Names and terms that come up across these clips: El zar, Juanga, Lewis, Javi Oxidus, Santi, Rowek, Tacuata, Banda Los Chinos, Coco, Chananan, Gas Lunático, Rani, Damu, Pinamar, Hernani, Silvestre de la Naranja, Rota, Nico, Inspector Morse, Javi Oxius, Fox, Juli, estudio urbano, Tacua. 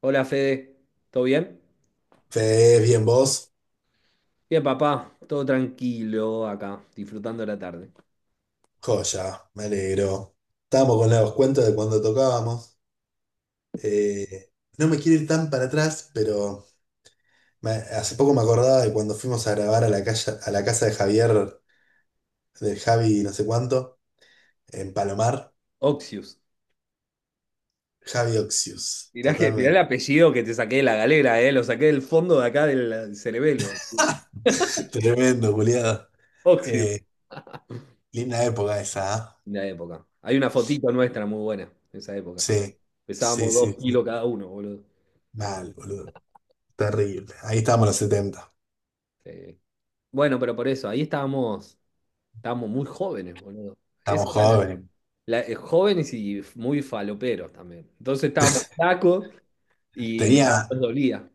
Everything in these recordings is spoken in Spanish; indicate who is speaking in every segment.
Speaker 1: Hola Fede, ¿todo bien?
Speaker 2: Fede, bien vos,
Speaker 1: Bien, papá, todo tranquilo acá, disfrutando la tarde.
Speaker 2: joya, me alegro. Estábamos con los cuentos de cuando tocábamos. Eh, no me quiero ir tan para atrás, pero hace poco me acordaba de cuando fuimos a grabar a la calle, a la casa de Javier, del Javi no sé cuánto, en Palomar.
Speaker 1: Oxius.
Speaker 2: Javi Oxius,
Speaker 1: Mirá el
Speaker 2: totalmente.
Speaker 1: apellido que te saqué de la galera, lo saqué del fondo de acá del cerebelo.
Speaker 2: Tremendo, culiado.
Speaker 1: Oxius.
Speaker 2: Eh, Linda época esa, ¿ah?
Speaker 1: Una época. Hay una fotito nuestra muy buena de esa época.
Speaker 2: Sí, sí,
Speaker 1: Pesábamos
Speaker 2: sí,
Speaker 1: dos
Speaker 2: sí.
Speaker 1: kilos cada uno, boludo.
Speaker 2: Mal, boludo. Terrible. Ahí estábamos los setenta.
Speaker 1: Sí. Bueno, pero por eso, ahí estábamos muy jóvenes, boludo.
Speaker 2: Estamos
Speaker 1: Esa era
Speaker 2: jóvenes.
Speaker 1: jóvenes y muy faloperos también. Entonces estábamos flacos y
Speaker 2: Tenía
Speaker 1: nada nos dolía.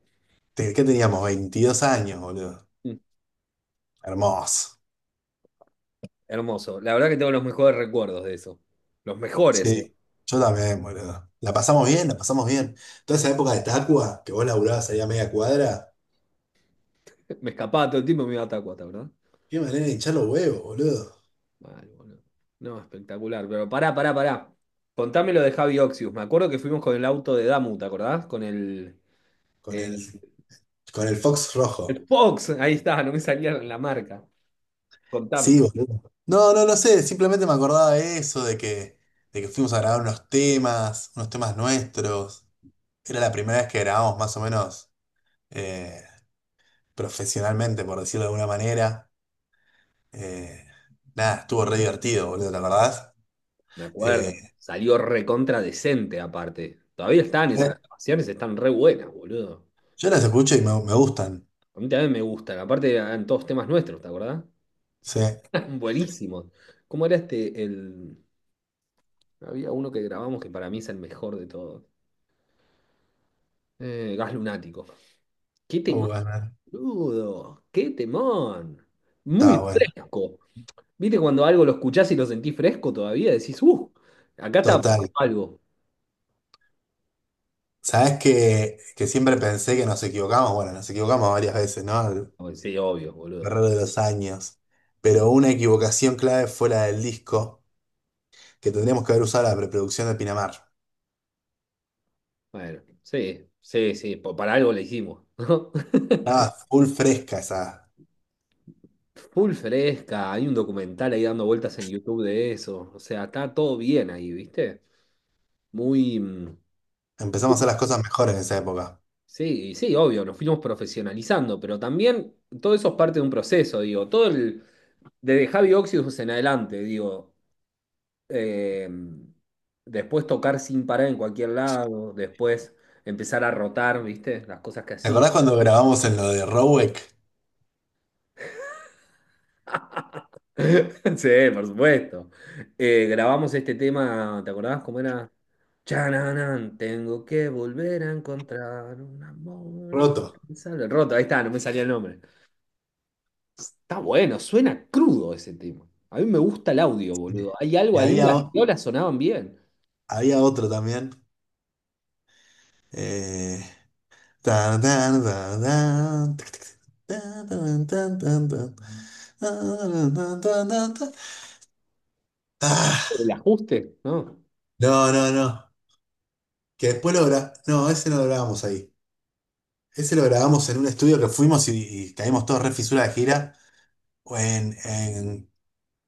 Speaker 2: ¿Qué teníamos? 22 años, boludo. Hermoso.
Speaker 1: Hermoso. La verdad que tengo los mejores recuerdos de eso. Los mejores, eh.
Speaker 2: Sí, yo también, boludo. La pasamos bien, la pasamos bien. Toda esa época de Tacua, que vos laburabas ahí a media cuadra,
Speaker 1: Me escapaba todo el tiempo y me iba a Tacuata, ¿verdad?
Speaker 2: qué manera de hinchar los huevos, boludo.
Speaker 1: Mal, boludo. No, espectacular. Pero pará, pará, pará. Contame lo de Javi Oxius. Me acuerdo que fuimos con el auto de Damu, ¿te acordás? Con el,
Speaker 2: Con
Speaker 1: eh,
Speaker 2: el, con el Fox rojo.
Speaker 1: el Fox. Ahí está, no me salía la marca. Contame.
Speaker 2: Sí, boludo. No, no, no sé, simplemente me acordaba de eso, de que fuimos a grabar unos temas nuestros. Era la primera vez que grabamos más o menos eh, profesionalmente, por decirlo de alguna manera. Eh, Nada, estuvo re divertido, boludo, ¿te acordás?
Speaker 1: Me
Speaker 2: Eh,
Speaker 1: acuerdo. Salió recontra decente, aparte. Todavía están esas
Speaker 2: me-
Speaker 1: grabaciones, están re buenas, boludo.
Speaker 2: yo las escucho y me gustan.
Speaker 1: A mí también me gustan. Aparte, eran todos temas nuestros, ¿te acordás?
Speaker 2: Sí.
Speaker 1: Buenísimos. ¿Cómo era este, el? Había uno que grabamos que para mí es el mejor de todos. Gas Lunático. ¡Qué temón,
Speaker 2: Bueno,
Speaker 1: boludo! ¡Qué temón! Muy
Speaker 2: está bueno.
Speaker 1: fresco. ¿Viste cuando algo lo escuchás y lo sentís fresco todavía? Decís, ¡uh! Acá está
Speaker 2: Total.
Speaker 1: pasando algo.
Speaker 2: ¿Sabes que siempre pensé que nos equivocamos? Bueno, nos equivocamos varias veces, ¿no? A lo
Speaker 1: Bueno, sí, obvio, boludo.
Speaker 2: largo de los años. Pero una equivocación clave fue la del disco, que tendríamos que haber usado la preproducción de Pinamar.
Speaker 1: Bueno, sí, sí, sí. Para algo le hicimos, ¿no?
Speaker 2: Estaba full fresca esa.
Speaker 1: Full fresca. Hay un documental ahí dando vueltas en YouTube de eso. O sea, está todo bien ahí, ¿viste? Muy. mm,
Speaker 2: Empezamos a hacer las cosas mejores en esa época.
Speaker 1: Sí, sí, obvio, nos fuimos profesionalizando, pero también todo eso es parte de un proceso, digo, desde Javi Oxidus en adelante, digo, eh, después tocar sin parar en cualquier lado, después empezar a rotar, ¿viste? Las cosas que
Speaker 2: ¿Te
Speaker 1: hacía.
Speaker 2: acordás cuando grabamos en lo de Rowek?
Speaker 1: Sí, por supuesto. Grabamos este tema, ¿te acordabas cómo era? Chananan, tengo que volver a encontrar un amor.
Speaker 2: Roto.
Speaker 1: Rota, ahí está, no me salía el nombre. Está bueno, suena crudo ese tema. A mí me gusta el audio,
Speaker 2: Sí.
Speaker 1: boludo. Hay algo
Speaker 2: Y
Speaker 1: ahí,
Speaker 2: había,
Speaker 1: las violas sonaban bien.
Speaker 2: había otro también. Eh, Tan, tan, tan, tan, tic, tic, tan, tan, tan, tan, tan, tan, tan, tan, tan, tan. Ah,
Speaker 1: El ajuste, ¿no?
Speaker 2: no, no, no. Que después lo grabamos. No, ese no lo grabamos ahí. Ese lo grabamos en un estudio que fuimos y caímos todos re fisura de gira. O en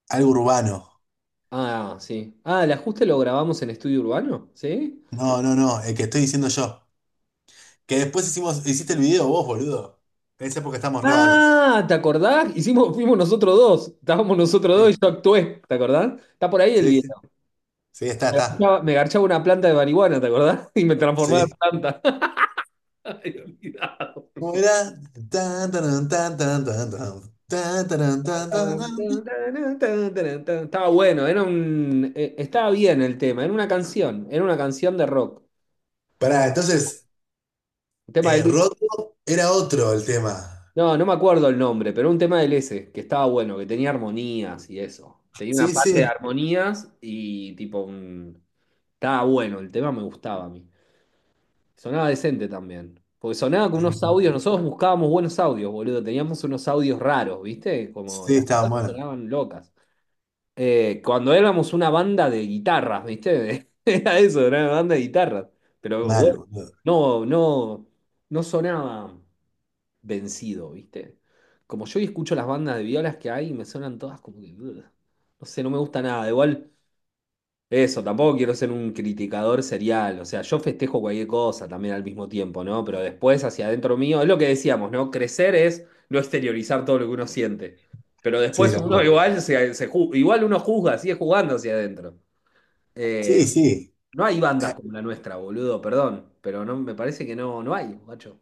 Speaker 2: algo urbano.
Speaker 1: Ah, sí. Ah, el ajuste lo grabamos en estudio urbano, ¿sí?
Speaker 2: No, no, no. El que estoy diciendo yo. Que después hicimos, hiciste el video vos, boludo. En esa época estamos re vagos.
Speaker 1: Ah, ¿te acordás? Fuimos nosotros dos. Estábamos nosotros dos
Speaker 2: Sí,
Speaker 1: y yo actué, ¿te acordás? Está por ahí el
Speaker 2: sí, sí.
Speaker 1: video.
Speaker 2: Sí, está, está.
Speaker 1: Ya me garchaba una planta de marihuana, ¿te acordás? Y me transformaba en
Speaker 2: Sí.
Speaker 1: planta. Ay, olvidado.
Speaker 2: ¿Cómo era? Tan, taran, tan, tan, tan, tan, tan, taran, tan, tan, tan.
Speaker 1: Estaba bueno, estaba bien el tema, era una canción de rock.
Speaker 2: Pará, entonces,
Speaker 1: Un tema del-
Speaker 2: roto era otro el tema.
Speaker 1: No, no me acuerdo el nombre, pero un tema del ese, que estaba bueno, que tenía armonías y eso. Tenía una
Speaker 2: Sí,
Speaker 1: parte de
Speaker 2: sí,
Speaker 1: armonías y tipo un... Estaba bueno, el tema me gustaba a mí. Sonaba decente también. Porque sonaba con unos audios, nosotros buscábamos buenos audios, boludo. Teníamos unos audios raros, ¿viste? Como
Speaker 2: sí,
Speaker 1: las
Speaker 2: estaba
Speaker 1: cosas
Speaker 2: bueno.
Speaker 1: sonaban locas. Cuando éramos una banda de guitarras, ¿viste? Era eso, era una banda de guitarras. Pero
Speaker 2: Mal,
Speaker 1: bueno,
Speaker 2: boludo.
Speaker 1: no, no, no sonaba vencido, ¿viste? Como yo hoy escucho las bandas de violas que hay, me suenan todas como que no sé, no me gusta nada. Igual, eso, tampoco quiero ser un criticador serial. O sea, yo festejo cualquier cosa también al mismo tiempo, ¿no? Pero después, hacia adentro mío, es lo que decíamos, ¿no? Crecer es no exteriorizar todo lo que uno siente. Pero
Speaker 2: Sí,
Speaker 1: después
Speaker 2: tal
Speaker 1: uno
Speaker 2: cual.
Speaker 1: igual igual uno juzga, sigue jugando hacia adentro.
Speaker 2: Sí,
Speaker 1: Eh,
Speaker 2: sí.
Speaker 1: no hay
Speaker 2: Eh,
Speaker 1: bandas como la nuestra, boludo, perdón. Pero no, me parece que no, no hay, macho.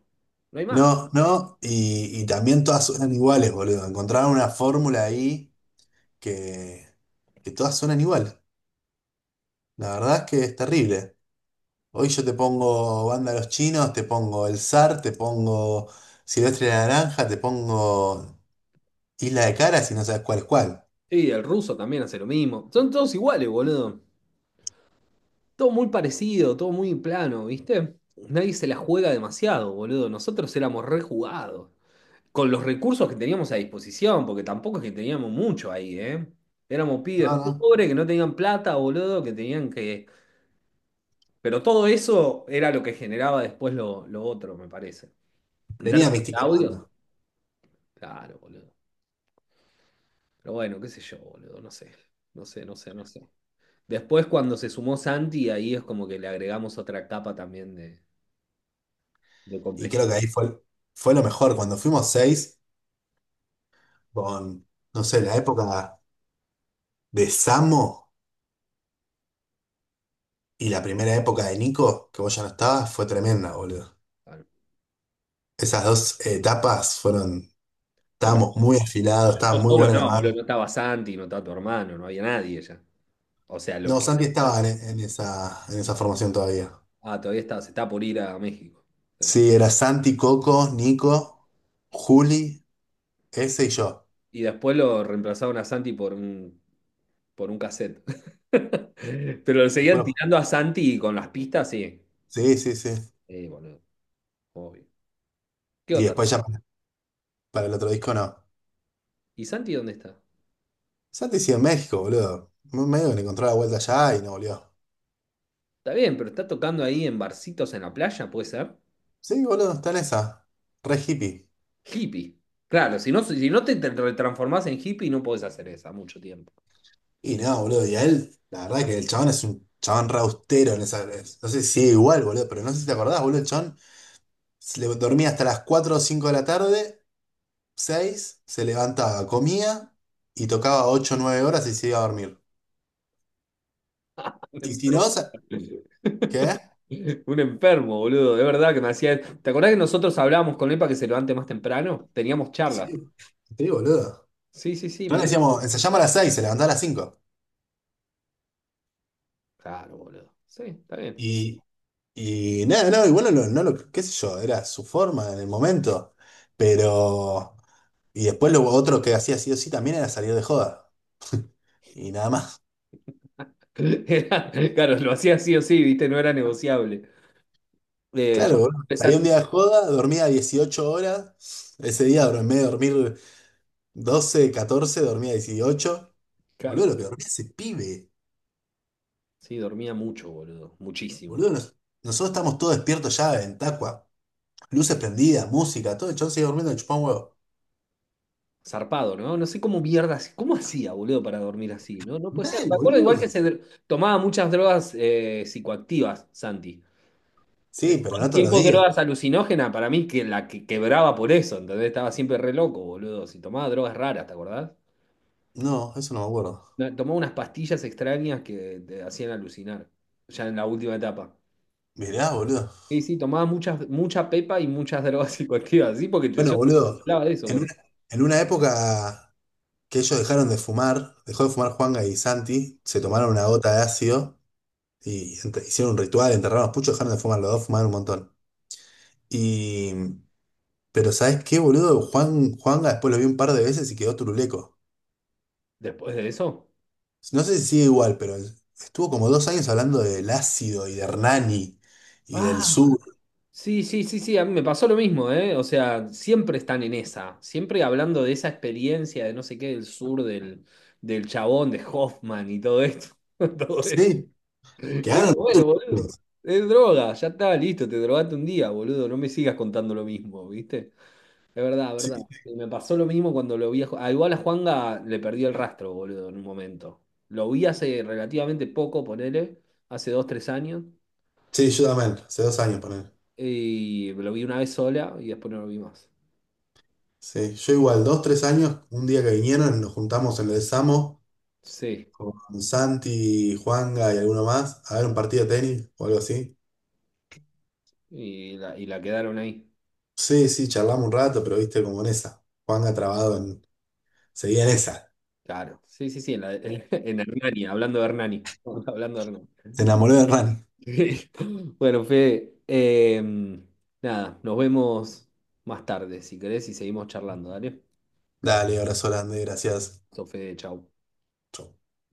Speaker 1: No hay más.
Speaker 2: no, no, y también todas suenan iguales, boludo. Encontraron una fórmula ahí que, que todas suenan igual. La verdad es que es terrible. Hoy yo te pongo Banda Los Chinos, te pongo El zar, te pongo... Silvestre de la Naranja, te pongo. Y la de cara si no sabes cuál es cuál.
Speaker 1: Y el ruso también hace lo mismo. Son todos iguales, boludo. Todo muy parecido, todo muy plano, ¿viste? Nadie se la juega demasiado, boludo. Nosotros éramos rejugados. Con los recursos que teníamos a disposición, porque tampoco es que teníamos mucho ahí, ¿eh? Éramos
Speaker 2: No,
Speaker 1: pibes
Speaker 2: no.
Speaker 1: pobres que no tenían plata, boludo, que tenían que... Pero todo eso era lo que generaba después lo otro, me parece. En
Speaker 2: Tenía
Speaker 1: términos de
Speaker 2: mística la
Speaker 1: audio,
Speaker 2: banda.
Speaker 1: claro, boludo. Pero bueno, qué sé yo, boludo, no sé. No sé, no sé, no sé. Después, cuando se sumó Santi, ahí es como que le agregamos otra capa también de
Speaker 2: Y
Speaker 1: complejidad.
Speaker 2: creo que ahí fue, fue lo mejor. Cuando fuimos seis, con, no sé, la época de Samo y la primera época de Nico, que vos ya no estabas, fue tremenda, boludo.
Speaker 1: Claro.
Speaker 2: Esas dos etapas fueron.
Speaker 1: Pero
Speaker 2: Estábamos muy afilados, estaba
Speaker 1: yo
Speaker 2: muy
Speaker 1: solo
Speaker 2: buena la
Speaker 1: no, boludo,
Speaker 2: banda.
Speaker 1: no estaba Santi, no estaba tu hermano, no había nadie ya. O sea, lo
Speaker 2: No,
Speaker 1: que...
Speaker 2: Santi estaba en esa, en esa, formación todavía.
Speaker 1: Ah, todavía está, se está por ir a México. Sí.
Speaker 2: Sí, era Santi, Coco, Nico, Juli, ese y yo.
Speaker 1: Y después lo reemplazaron a Santi por un, cassette. Pero lo seguían
Speaker 2: Después,
Speaker 1: tirando a Santi con las pistas, sí.
Speaker 2: sí, sí, sí.
Speaker 1: Boludo, obvio. ¿Qué
Speaker 2: Y
Speaker 1: onda?
Speaker 2: después ya para el otro disco no.
Speaker 1: ¿Y Santi dónde está?
Speaker 2: Santi sigue en México, boludo. Medio que le encontró la vuelta allá y no volvió.
Speaker 1: Está bien, pero está tocando ahí en barcitos en la playa, ¿puede ser?
Speaker 2: Sí, boludo, está en esa. Re hippie.
Speaker 1: Hippie. Claro, si no te retransformás en hippie, no podés hacer esa mucho tiempo.
Speaker 2: Y no, boludo, y a él, la verdad que el chabón es un chabón re austero en esa. No sé si sigue igual, boludo, pero no sé si te acordás, boludo, el chabón se le dormía hasta las 4 o 5 de la tarde, 6 se levantaba, comía y tocaba ocho o 9 horas y se iba a dormir.
Speaker 1: Un
Speaker 2: Y si no,
Speaker 1: enfermo.
Speaker 2: ¿qué?
Speaker 1: Un enfermo, boludo. De verdad que me hacía. ¿Te acordás que nosotros hablábamos con él para que se levante más temprano? Teníamos charlas.
Speaker 2: Sí, sí, boludo.
Speaker 1: Sí, sí, sí,
Speaker 2: No
Speaker 1: me
Speaker 2: le
Speaker 1: dijo.
Speaker 2: decíamos, ensayamos a las 6 se levantaba a las cinco.
Speaker 1: Claro, boludo. Sí, está bien.
Speaker 2: Y, y nada, no, igual no, lo, no lo- qué sé yo, era su forma en el momento, pero... Y después lo otro que hacía sí o sí también era salir de joda, y nada más.
Speaker 1: Claro, lo hacía sí o sí, ¿viste? No era negociable. Eh, yo,
Speaker 2: Claro, boludo, salía un
Speaker 1: Santi,
Speaker 2: día de joda, dormía 18 horas, ese día dor- en vez de dormir 12 14 dormía 18. Boludo,
Speaker 1: claro,
Speaker 2: lo que dormía ese pibe,
Speaker 1: sí, dormía mucho, boludo, muchísimo.
Speaker 2: boludo, nosotros estamos todos despiertos ya en Tacua, luces prendidas, música, todo, el chon sigue durmiendo, chupá un huevo.
Speaker 1: Zarpado, ¿no? No sé cómo mierdas, cómo hacía, boludo, para dormir así, ¿no? No puede ser.
Speaker 2: Mal,
Speaker 1: Me acuerdo igual
Speaker 2: boludo.
Speaker 1: que tomaba muchas drogas psicoactivas, Santi.
Speaker 2: Sí,
Speaker 1: Todo
Speaker 2: pero
Speaker 1: el
Speaker 2: no todos los
Speaker 1: tiempo
Speaker 2: días.
Speaker 1: drogas alucinógenas, para mí que la que quebraba por eso, ¿entendés? Estaba siempre re loco, boludo. Si tomaba drogas raras, ¿te acordás?
Speaker 2: No, eso no me acuerdo.
Speaker 1: No, tomaba unas pastillas extrañas que te hacían alucinar, ya en la última etapa.
Speaker 2: Mirá, boludo.
Speaker 1: Sí, sí, tomaba muchas, mucha pepa y muchas drogas psicoactivas, sí, porque yo
Speaker 2: Bueno, boludo,
Speaker 1: hablaba de eso
Speaker 2: en
Speaker 1: con él.
Speaker 2: una, en una época que ellos dejaron de fumar, dejó de fumar Juanga y Santi, se
Speaker 1: Sí.
Speaker 2: tomaron una gota de ácido y ent- hicieron un ritual, enterraron los puchos, dejaron de fumar, los dos fumaron un montón. Y, pero ¿sabés qué, boludo? Juanga después lo vi un par de veces y quedó turuleco.
Speaker 1: Después de eso.
Speaker 2: No sé si sigue igual, pero estuvo como 2 años hablando del ácido y de Hernani y del
Speaker 1: Ah,
Speaker 2: sur.
Speaker 1: sí, sí, sí, sí, a mí me pasó lo mismo, ¿eh? O sea, siempre están en esa, siempre hablando de esa experiencia de no sé qué del sur, del chabón, de Hoffman y todo esto. Todo esto.
Speaker 2: Sí,
Speaker 1: Es como,
Speaker 2: quedaron.
Speaker 1: bueno, boludo, es droga, ya está, listo, te drogaste un día, boludo, no me sigas contando lo mismo, ¿viste? Es verdad, es
Speaker 2: Sí,
Speaker 1: verdad. Y me pasó lo mismo cuando lo vi a... igual a Juanga le perdió el rastro, boludo, en un momento. Lo vi hace relativamente poco, ponele, hace 2, 3 años.
Speaker 2: sí, yo también, hace 2 años, él.
Speaker 1: Y lo vi una vez sola y después no lo vi más.
Speaker 2: Sí, yo igual, 2, 3 años, un día que vinieron, nos juntamos en el Samo
Speaker 1: Sí,
Speaker 2: con Santi, Juanga y alguno más a ver un partido de tenis o algo así.
Speaker 1: y la quedaron ahí.
Speaker 2: Sí, sí, charlamos un rato, pero viste como en esa. Juanga trabado en... Seguía en esa.
Speaker 1: Claro, sí, sí, sí, en Hernani, hablando de Hernani. Hablando de Hernani.
Speaker 2: Se enamoró de Rani.
Speaker 1: Bueno, Fede, nada, nos vemos más tarde, si querés, y seguimos charlando, ¿dale?
Speaker 2: Dale, abrazo grande, gracias.
Speaker 1: Sofe chau.
Speaker 2: Chau.